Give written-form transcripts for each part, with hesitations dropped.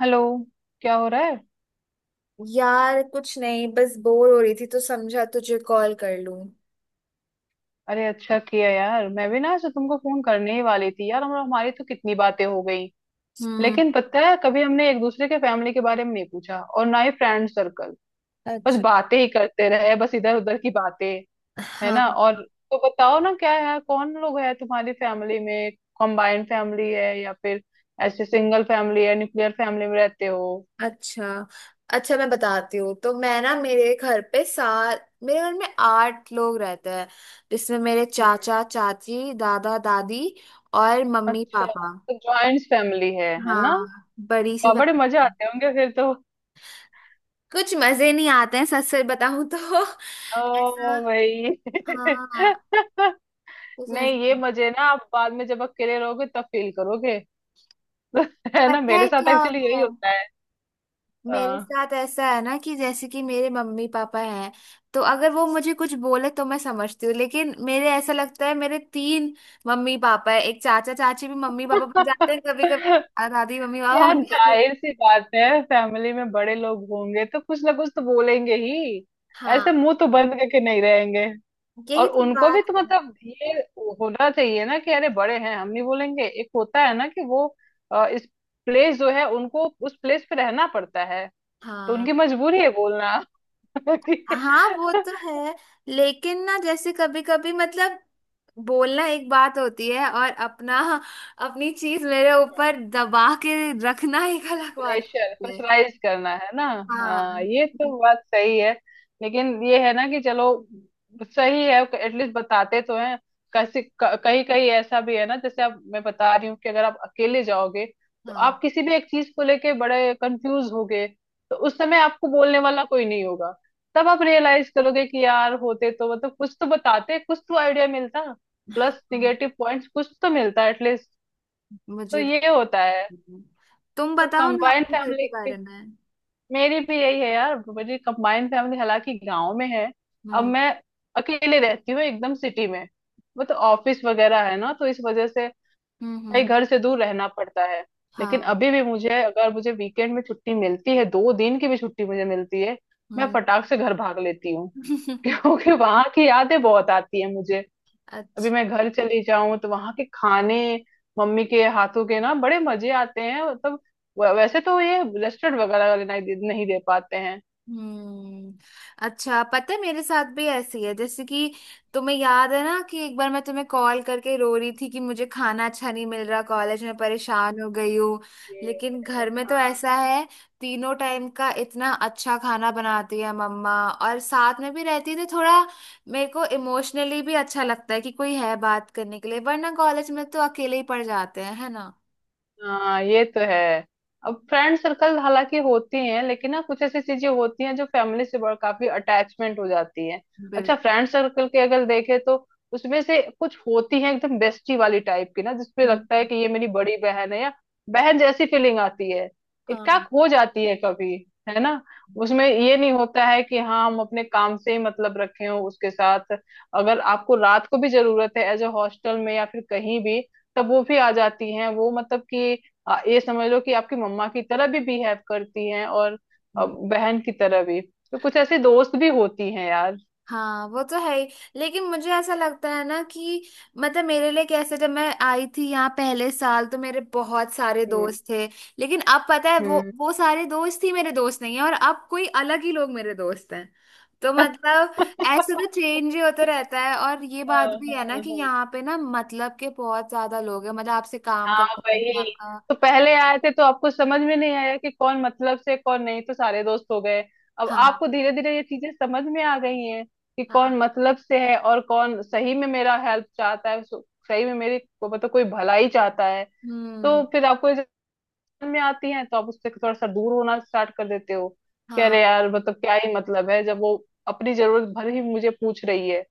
Hello. क्या हो रहा है? यार, कुछ नहीं। बस बोर हो रही थी तो समझा तुझे कॉल कर लूं। अरे अच्छा किया यार, मैं भी ना ऐसे तुमको फोन करने ही वाली थी यार। हम हमारी तो कितनी बातें हो गई हम्म। लेकिन पता है, कभी हमने एक दूसरे के फैमिली के बारे में नहीं पूछा, और ना ही फ्रेंड सर्कल। बस अच्छा। बातें ही करते रहे, बस इधर उधर की बातें। है हाँ। ना? और तो बताओ ना, क्या है? कौन लोग है तुम्हारी फैमिली में? कंबाइंड फैमिली है, या फिर ऐसे सिंगल फैमिली है, न्यूक्लियर फैमिली में रहते हो? अच्छा। अच्छा, मैं बताती हूँ। तो मैं ना, मेरे घर में आठ लोग रहते हैं। जिसमें मेरे हम्म। चाचा, चाची, दादा, दादी और मम्मी अच्छा, पापा। तो ज्वाइंट फैमिली है हाँ, ना? बड़ी सी वाह, बड़े मजे फैमिली। आते होंगे फिर तो। कुछ मजे नहीं आते हैं, सच सच बताऊं तो। ऐसा। ओ भाई हाँ। कुछ नहीं, ये ऐसा- मजे ना आप बाद में जब अकेले रहोगे तब फील करोगे। है ना, पता मेरे है साथ क्या एक्चुअली यही होता है? होता है। मेरे हाँ। साथ ऐसा है ना कि जैसे कि मेरे मम्मी पापा हैं। तो अगर वो मुझे कुछ बोले तो मैं समझती हूँ, लेकिन मेरे ऐसा लगता है मेरे तीन मम्मी पापा है। एक चाचा चाची भी मम्मी पापा बन जाते हैं कभी कभी। दादी मम्मी पापा यार बन जाते हैं। जाहिर सी बात है, फैमिली में बड़े लोग होंगे तो कुछ ना कुछ तो बोलेंगे ही। ऐसे हाँ, मुंह तो बंद करके नहीं रहेंगे। और यही तो उनको भी बात तो है। मतलब ये होना चाहिए ना, कि अरे बड़े हैं, हम नहीं बोलेंगे। एक होता है ना कि वो इस प्लेस जो है, उनको उस प्लेस पे रहना पड़ता है। तो हाँ। उनकी मजबूरी है बोलना। कि हाँ, वो तो है। लेकिन ना, जैसे कभी कभी मतलब बोलना एक बात होती है, और अपना अपनी चीज मेरे ऊपर दबा के रखना एक अलग बात प्रेशर, होती है। प्रेशराइज करना, है ना? हाँ, हाँ। ये तो बात सही है। लेकिन ये है ना कि चलो, सही है, एटलीस्ट बताते तो हैं। कैसे कहीं कहीं ऐसा भी है ना, जैसे आप, मैं बता रही हूँ, कि अगर आप अकेले जाओगे तो हाँ। आप किसी भी एक चीज को लेके बड़े कंफ्यूज होगे। तो उस समय आपको बोलने वाला कोई नहीं होगा। तब आप रियलाइज करोगे कि यार होते तो मतलब कुछ तो बताते, कुछ तो आइडिया मिलता, प्लस हाँ, निगेटिव पॉइंट्स कुछ तो मिलता एटलीस्ट। तो मुझे ये भी। होता है। नहीं। तुम तो बताओ ना, कंबाइंड अपने घर के फैमिली, बारे में। मेरी भी यही है यार, मेरी कंबाइंड फैमिली, हालांकि गांव में है। अब हम्म, मैं अकेले रहती हूँ एकदम सिटी में। वो तो ऑफिस वगैरह है ना, तो इस वजह से हम्म, हम्म, भाई घर से दूर रहना पड़ता है। लेकिन हाँ। अभी भी मुझे, अगर मुझे वीकेंड में छुट्टी मिलती है, दो दिन की भी छुट्टी मुझे मिलती है, मैं हम्म। फटाक से घर भाग लेती हूँ। क्योंकि वहां की यादें बहुत आती है मुझे। अभी अच्छा। मैं घर चली जाऊं तो वहां के खाने, मम्मी के हाथों के ना बड़े मजे आते हैं, मतलब वैसे तो ये रेस्टोरेंट वगैरह वाले नहीं दे पाते हैं। हम्म। अच्छा, पता है मेरे साथ भी ऐसी है। जैसे कि तुम्हें याद है ना कि एक बार मैं तुम्हें कॉल करके रो रही थी कि मुझे खाना अच्छा नहीं मिल रहा, कॉलेज में परेशान हो गई हूँ। ये। लेकिन हाँ, घर में तो ऐसा है। तीनों टाइम का इतना अच्छा खाना बनाती है मम्मा, और साथ में भी रहती है तो थोड़ा मेरे को इमोशनली भी अच्छा लगता है कि कोई है बात करने के लिए। वरना कॉलेज में तो अकेले ही पड़ जाते हैं, है ना। हाँ, ये तो है। अब फ्रेंड सर्कल हालांकि होती हैं, लेकिन ना कुछ ऐसी चीजें होती हैं जो फैमिली से बड़ा काफी अटैचमेंट हो जाती है। अच्छा, बिल्कुल। फ्रेंड सर्कल के अगर देखे तो उसमें से कुछ होती है एकदम बेस्टी वाली टाइप की ना, जिसपे लगता है हम्म। कि ये मेरी बड़ी बहन है, या बहन जैसी फीलिंग आती है। इकट्ठा हो जाती है कभी, है ना। उसमें ये नहीं होता है कि हाँ हम अपने काम से ही मतलब रखे हो उसके साथ। अगर आपको रात को भी जरूरत है, एज अ हॉस्टल में या फिर कहीं भी, तब वो भी आ जाती हैं। वो मतलब कि ये समझ लो कि आपकी मम्मा की तरह भी बिहेव करती हैं, और हाँ। बहन की तरह भी। तो कुछ ऐसे दोस्त भी होती हैं यार। हाँ, वो तो है ही। लेकिन मुझे ऐसा लगता है ना कि, मतलब मेरे लिए कैसे, जब मैं आई थी यहाँ पहले साल तो मेरे बहुत सारे हम्म दोस्त थे। लेकिन अब पता है वो हम्म। वो सारे दोस्त ही मेरे दोस्त नहीं है, और अब कोई अलग ही लोग मेरे दोस्त हैं। तो मतलब ऐसे तो चेंज ही होता रहता है। और ये हाँ, बात भी है ना हाँ, कि हाँ। यहाँ पे ना, मतलब के बहुत ज्यादा लोग हैं, मतलब आपसे काम हाँ, करते हैं वही। आपका। तो पहले आए थे तो आपको समझ में नहीं आया कि कौन मतलब से, कौन नहीं, तो सारे दोस्त हो गए। अब आपको हाँ, धीरे धीरे ये चीजें समझ में आ गई हैं कि हाँ। कौन मतलब से है और कौन सही में मेरा हेल्प चाहता है, सही में मेरी मतलब कोई भलाई चाहता है। तो हम्म। फिर आपको में आती हैं, तो आप उससे थोड़ा सा दूर होना स्टार्ट कर देते हो। कह हाँ, रहे यार मतलब क्या ही मतलब है, जब वो अपनी जरूरत भर ही मुझे पूछ रही है।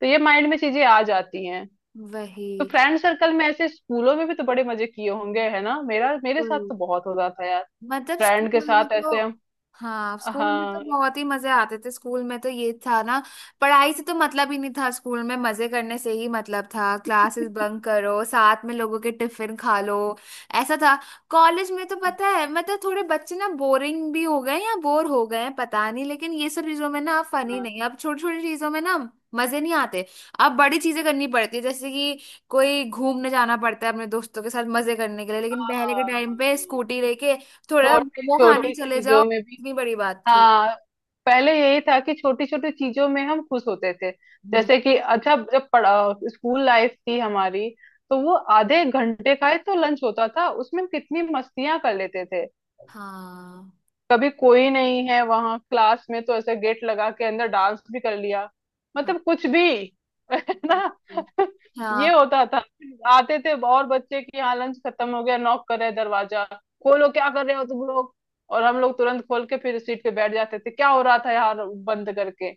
तो ये माइंड में चीजें आ जाती हैं। वही। तो फ्रेंड सर्कल में ऐसे, स्कूलों में भी तो बड़े मजे किए होंगे, है ना? मेरा मेरे साथ बिल्कुल। तो बहुत होता था यार, मतलब फ्रेंड के स्कूल में साथ ऐसे। तो। हम, हाँ, स्कूल में तो हाँ। बहुत ही मजे आते थे। स्कूल में तो ये था ना, पढ़ाई से तो मतलब ही नहीं था, स्कूल में मजे करने से ही मतलब था। क्लासेस बंक करो, साथ में लोगों के टिफिन खा लो। ऐसा था। कॉलेज में तो पता है, मतलब थोड़े बच्चे ना बोरिंग भी हो गए या बोर हो गए हैं, पता नहीं। लेकिन ये सब चीजों में ना फनी हाँ, नहीं, अब छोटी छोटी चीजों में ना मजे नहीं आते। अब बड़ी चीजें करनी पड़ती है, जैसे कि कोई घूमने जाना पड़ता है अपने दोस्तों के साथ मजे करने के लिए। लेकिन पहले के हाँ, टाइम पे हाँ। स्कूटी लेके थोड़ा छोटी मोमो खाने छोटी चले जाओ, चीजों में भी, इतनी बड़ी बात थी। हाँ। पहले यही था कि छोटी छोटी चीजों में हम खुश होते थे। हम्म, जैसे कि अच्छा, जब पढ़ा स्कूल लाइफ थी हमारी, तो वो आधे घंटे का ही तो लंच होता था, उसमें हम कितनी मस्तियां कर लेते थे। हाँ, कभी कोई नहीं है वहां क्लास में, तो ऐसे गेट लगा के अंदर डांस भी कर लिया, हाँ, मतलब कुछ भी। है ना। बिल्कुल। ये हाँ, होता था। आते थे और बच्चे की यहाँ लंच खत्म हो गया, नॉक कर रहे हैं दरवाजा, खोलो क्या कर रहे हो तुम लोग। और हम लोग तुरंत खोल के फिर सीट पे बैठ जाते थे, क्या हो रहा था यार बंद करके?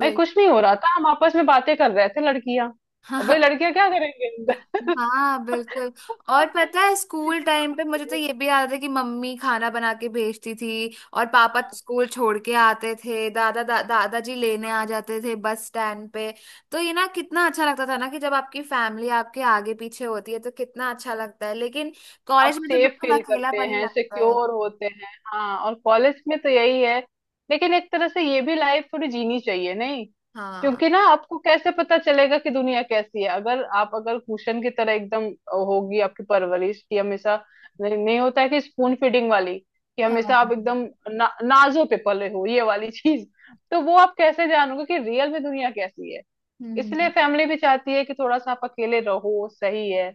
भाई बिल कुछ नहीं हो रहा था, हम आपस में बातें कर रहे थे लड़कियां। अब भाई हाँ, लड़कियां क्या करेंगे अंदर? हाँ, बिल्कुल। और पता है, स्कूल टाइम पे मुझे तो ये भी याद है कि मम्मी खाना बना के भेजती थी। और पापा स्कूल छोड़ के आते थे, दादाजी लेने आ जाते थे बस स्टैंड पे। तो ये ना कितना अच्छा लगता था ना कि जब आपकी फैमिली आपके आगे पीछे होती है तो कितना अच्छा लगता है। लेकिन आप कॉलेज में तो सेफ बिल्कुल फील करते अकेलापन ही हैं, लगता है। सिक्योर होते हैं। हाँ, और कॉलेज में तो यही है। लेकिन एक तरह से ये भी लाइफ थोड़ी जीनी चाहिए, नहीं? हाँ, क्योंकि ना, आपको कैसे पता चलेगा कि दुनिया कैसी है, अगर आप, अगर कुशन की तरह एकदम होगी आपकी परवरिश की हमेशा। नहीं, नहीं होता है कि स्पून फीडिंग वाली, कि हमेशा हाँ, आप एकदम नाजों पे पले हो, ये वाली चीज। तो वो आप कैसे जानोगे कि रियल में दुनिया कैसी है। इसलिए हम्म, फैमिली भी चाहती है कि थोड़ा सा आप अकेले रहो, सही है।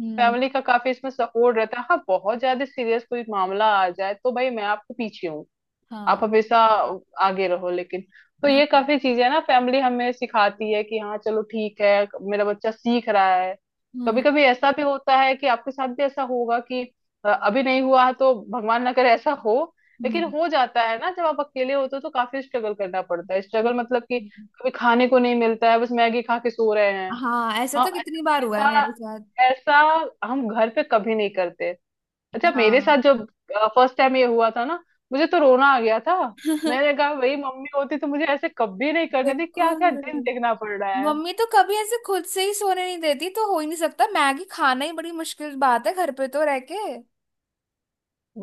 हम्म, फैमिली का काफी इसमें सपोर्ट रहता है। हाँ, बहुत ज्यादा सीरियस कोई मामला आ जाए तो भाई मैं आपके पीछे हूँ। आप हाँ, हमेशा आगे रहो, लेकिन। तो हाँ, ये काफी चीजें है ना, फैमिली हमें सिखाती है कि हाँ चलो ठीक है, मेरा बच्चा सीख रहा है। कभी हम्म, कभी ऐसा भी होता है कि आपके साथ भी ऐसा होगा कि अभी नहीं हुआ है, तो भगवान ना करे ऐसा हो। लेकिन हम्म। हो जाता है ना, जब आप अकेले होते हो तो काफी स्ट्रगल करना पड़ता है। वो- स्ट्रगल मतलब कि कभी खाने को नहीं मिलता है, बस मैगी खा के सो रहे हैं। हाँ, ऐसा तो हाँ, कितनी बार हुआ है ऐसा मेरे साथ। ऐसा हम घर पे कभी नहीं करते। अच्छा मेरे हाँ साथ जब फर्स्ट टाइम ये हुआ था ना, मुझे तो रोना आ गया था। मैंने कहा वही, मम्मी होती तो मुझे ऐसे कभी नहीं करने दी, क्या क्या दिन बिल्कुल। देखना पड़ रहा है। मम्मी तो कभी ऐसे खुद से ही सोने नहीं देती, तो हो ही नहीं सकता। मैगी खाना ही बड़ी मुश्किल बात है घर पे तो रह के।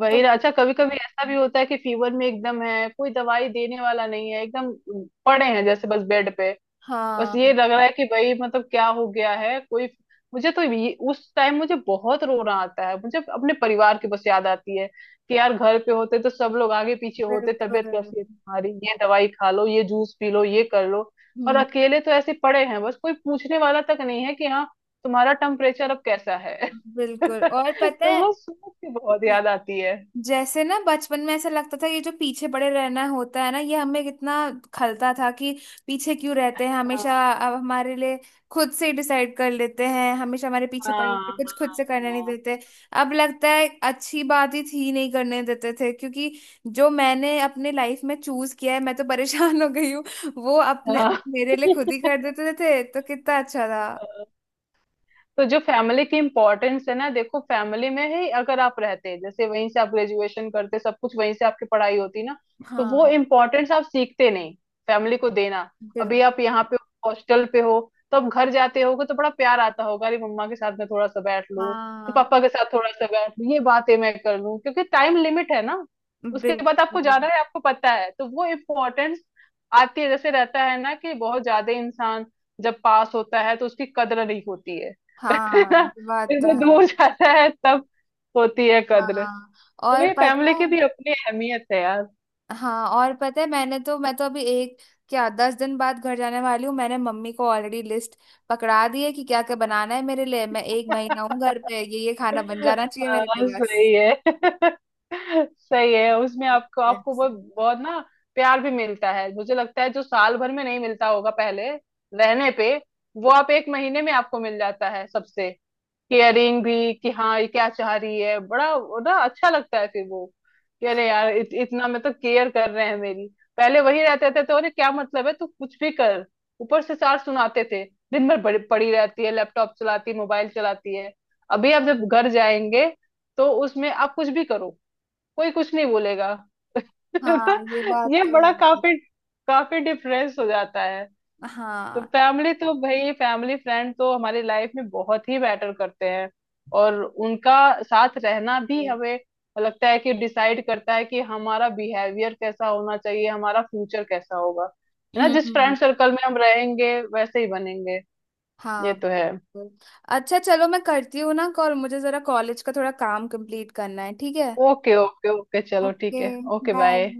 मैं तो। ना, अच्छा कभी कभी ऐसा भी होता है कि फीवर में एकदम है, कोई दवाई देने वाला नहीं है, एकदम पड़े हैं जैसे बस बेड पे। बस ये हाँ, लग रहा है कि भाई मतलब क्या हो गया है, कोई। उस टाइम मुझे बहुत रोना आता है, मुझे अपने परिवार की बस याद आती है कि यार घर पे होते तो सब लोग आगे पीछे होते, तबीयत बिल्कुल। कैसी है तुम्हारी, ये दवाई खा लो, ये जूस पी लो, ये कर लो। और हम्म। अकेले तो ऐसे पड़े हैं, बस कोई पूछने वाला तक नहीं है कि हाँ तुम्हारा टेम्परेचर अब कैसा है। बिल्कुल। और तो पता वो सोच के बहुत है, याद आती है। जैसे ना बचपन में ऐसा लगता था ये जो पीछे पड़े रहना होता है ना, ये हमें कितना खलता था। कि पीछे क्यों रहते हैं हमेशा, हाँ, अब हमारे लिए खुद से डिसाइड कर लेते हैं, हमेशा हमारे पीछे पड़े हाँ, रहते हैं, कुछ खुद हाँ, से करने नहीं देते। अब लगता है अच्छी बात ही थी नहीं करने देते थे, क्योंकि जो मैंने अपने लाइफ में चूज किया है मैं तो परेशान हो गई हूँ। वो हाँ, अपने मेरे लिए खुद ही हाँ। कर देते थे तो कितना अच्छा था। तो जो फैमिली की इम्पोर्टेंस है ना, देखो फैमिली में ही अगर आप रहते, जैसे वहीं से आप ग्रेजुएशन करते, सब कुछ वहीं से आपकी पढ़ाई होती ना, तो वो हाँ, इम्पोर्टेंस आप सीखते नहीं फैमिली को देना। बिल्कुल। अभी आप यहाँ पे हॉस्टल पे हो, तो आप घर जाते होगे तो बड़ा प्यार आता होगा, अरे मम्मा के साथ मैं थोड़ा सा बैठ लूँ, तो हाँ, पापा के साथ थोड़ा सा बैठ लूँ, ये बातें मैं कर लूँ, क्योंकि टाइम लिमिट है ना। उसके बाद आपको बिल्कुल। जाना है, आपको पता है, तो वो इम्पोर्टेंस आती है। जैसे रहता है ना कि बहुत ज्यादा, इंसान जब पास होता है तो उसकी कदर नहीं होती है। हाँ, ये बात फिर तो वो है। दूर जाता है तब होती है कद्र। हाँ, और चलिए, पता फैमिली है। की भी अपनी अहमियत है यार। हाँ, और पता है, मैं तो अभी एक क्या 10 दिन बाद घर जाने वाली हूँ। मैंने मम्मी को ऑलरेडी लिस्ट पकड़ा दी है कि क्या क्या बनाना है मेरे लिए। मैं एक महीना हूँ घर पे, ये खाना बन जाना चाहिए मेरे हाँ लिए बस। सही है। सही है। उसमें आपको आपको बहुत बहुत ना प्यार भी मिलता है, मुझे लगता है जो साल भर में नहीं मिलता होगा पहले रहने पे, वो आप एक महीने में आपको मिल जाता है सबसे। केयरिंग भी कि हाँ ये क्या चाह रही है, बड़ा बड़ा अच्छा लगता है फिर वो, कि अरे यार इतना मतलब केयर कर रहे हैं मेरी। पहले वही रहते थे तो अरे क्या मतलब है, तू कुछ भी कर, ऊपर से चार सुनाते थे, दिन भर बड़ी पड़ी रहती है, लैपटॉप चलाती है, मोबाइल चलाती है। अभी आप जब घर जाएंगे, तो उसमें आप कुछ भी करो, कोई कुछ नहीं बोलेगा। हाँ, ये बात तो ये तो बड़ा है। काफी काफी डिफरेंस हो जाता है। तो हाँ। फैमिली तो भाई, फैमिली फ्रेंड तो हमारी लाइफ में बहुत ही मैटर करते हैं। और उनका साथ रहना भी, हमें लगता है कि डिसाइड करता है कि हमारा बिहेवियर कैसा होना चाहिए, हमारा फ्यूचर कैसा होगा। है ना, जिस हम्म। फ्रेंड सर्कल में हम रहेंगे वैसे ही बनेंगे। ये हाँ, तो है। बिल्कुल। अच्छा, चलो मैं करती हूँ ना कॉल। मुझे जरा कॉलेज का थोड़ा काम कंप्लीट करना है, ठीक है। ओके ओके ओके, चलो ओके, ठीक है, ओके बाय। बाय।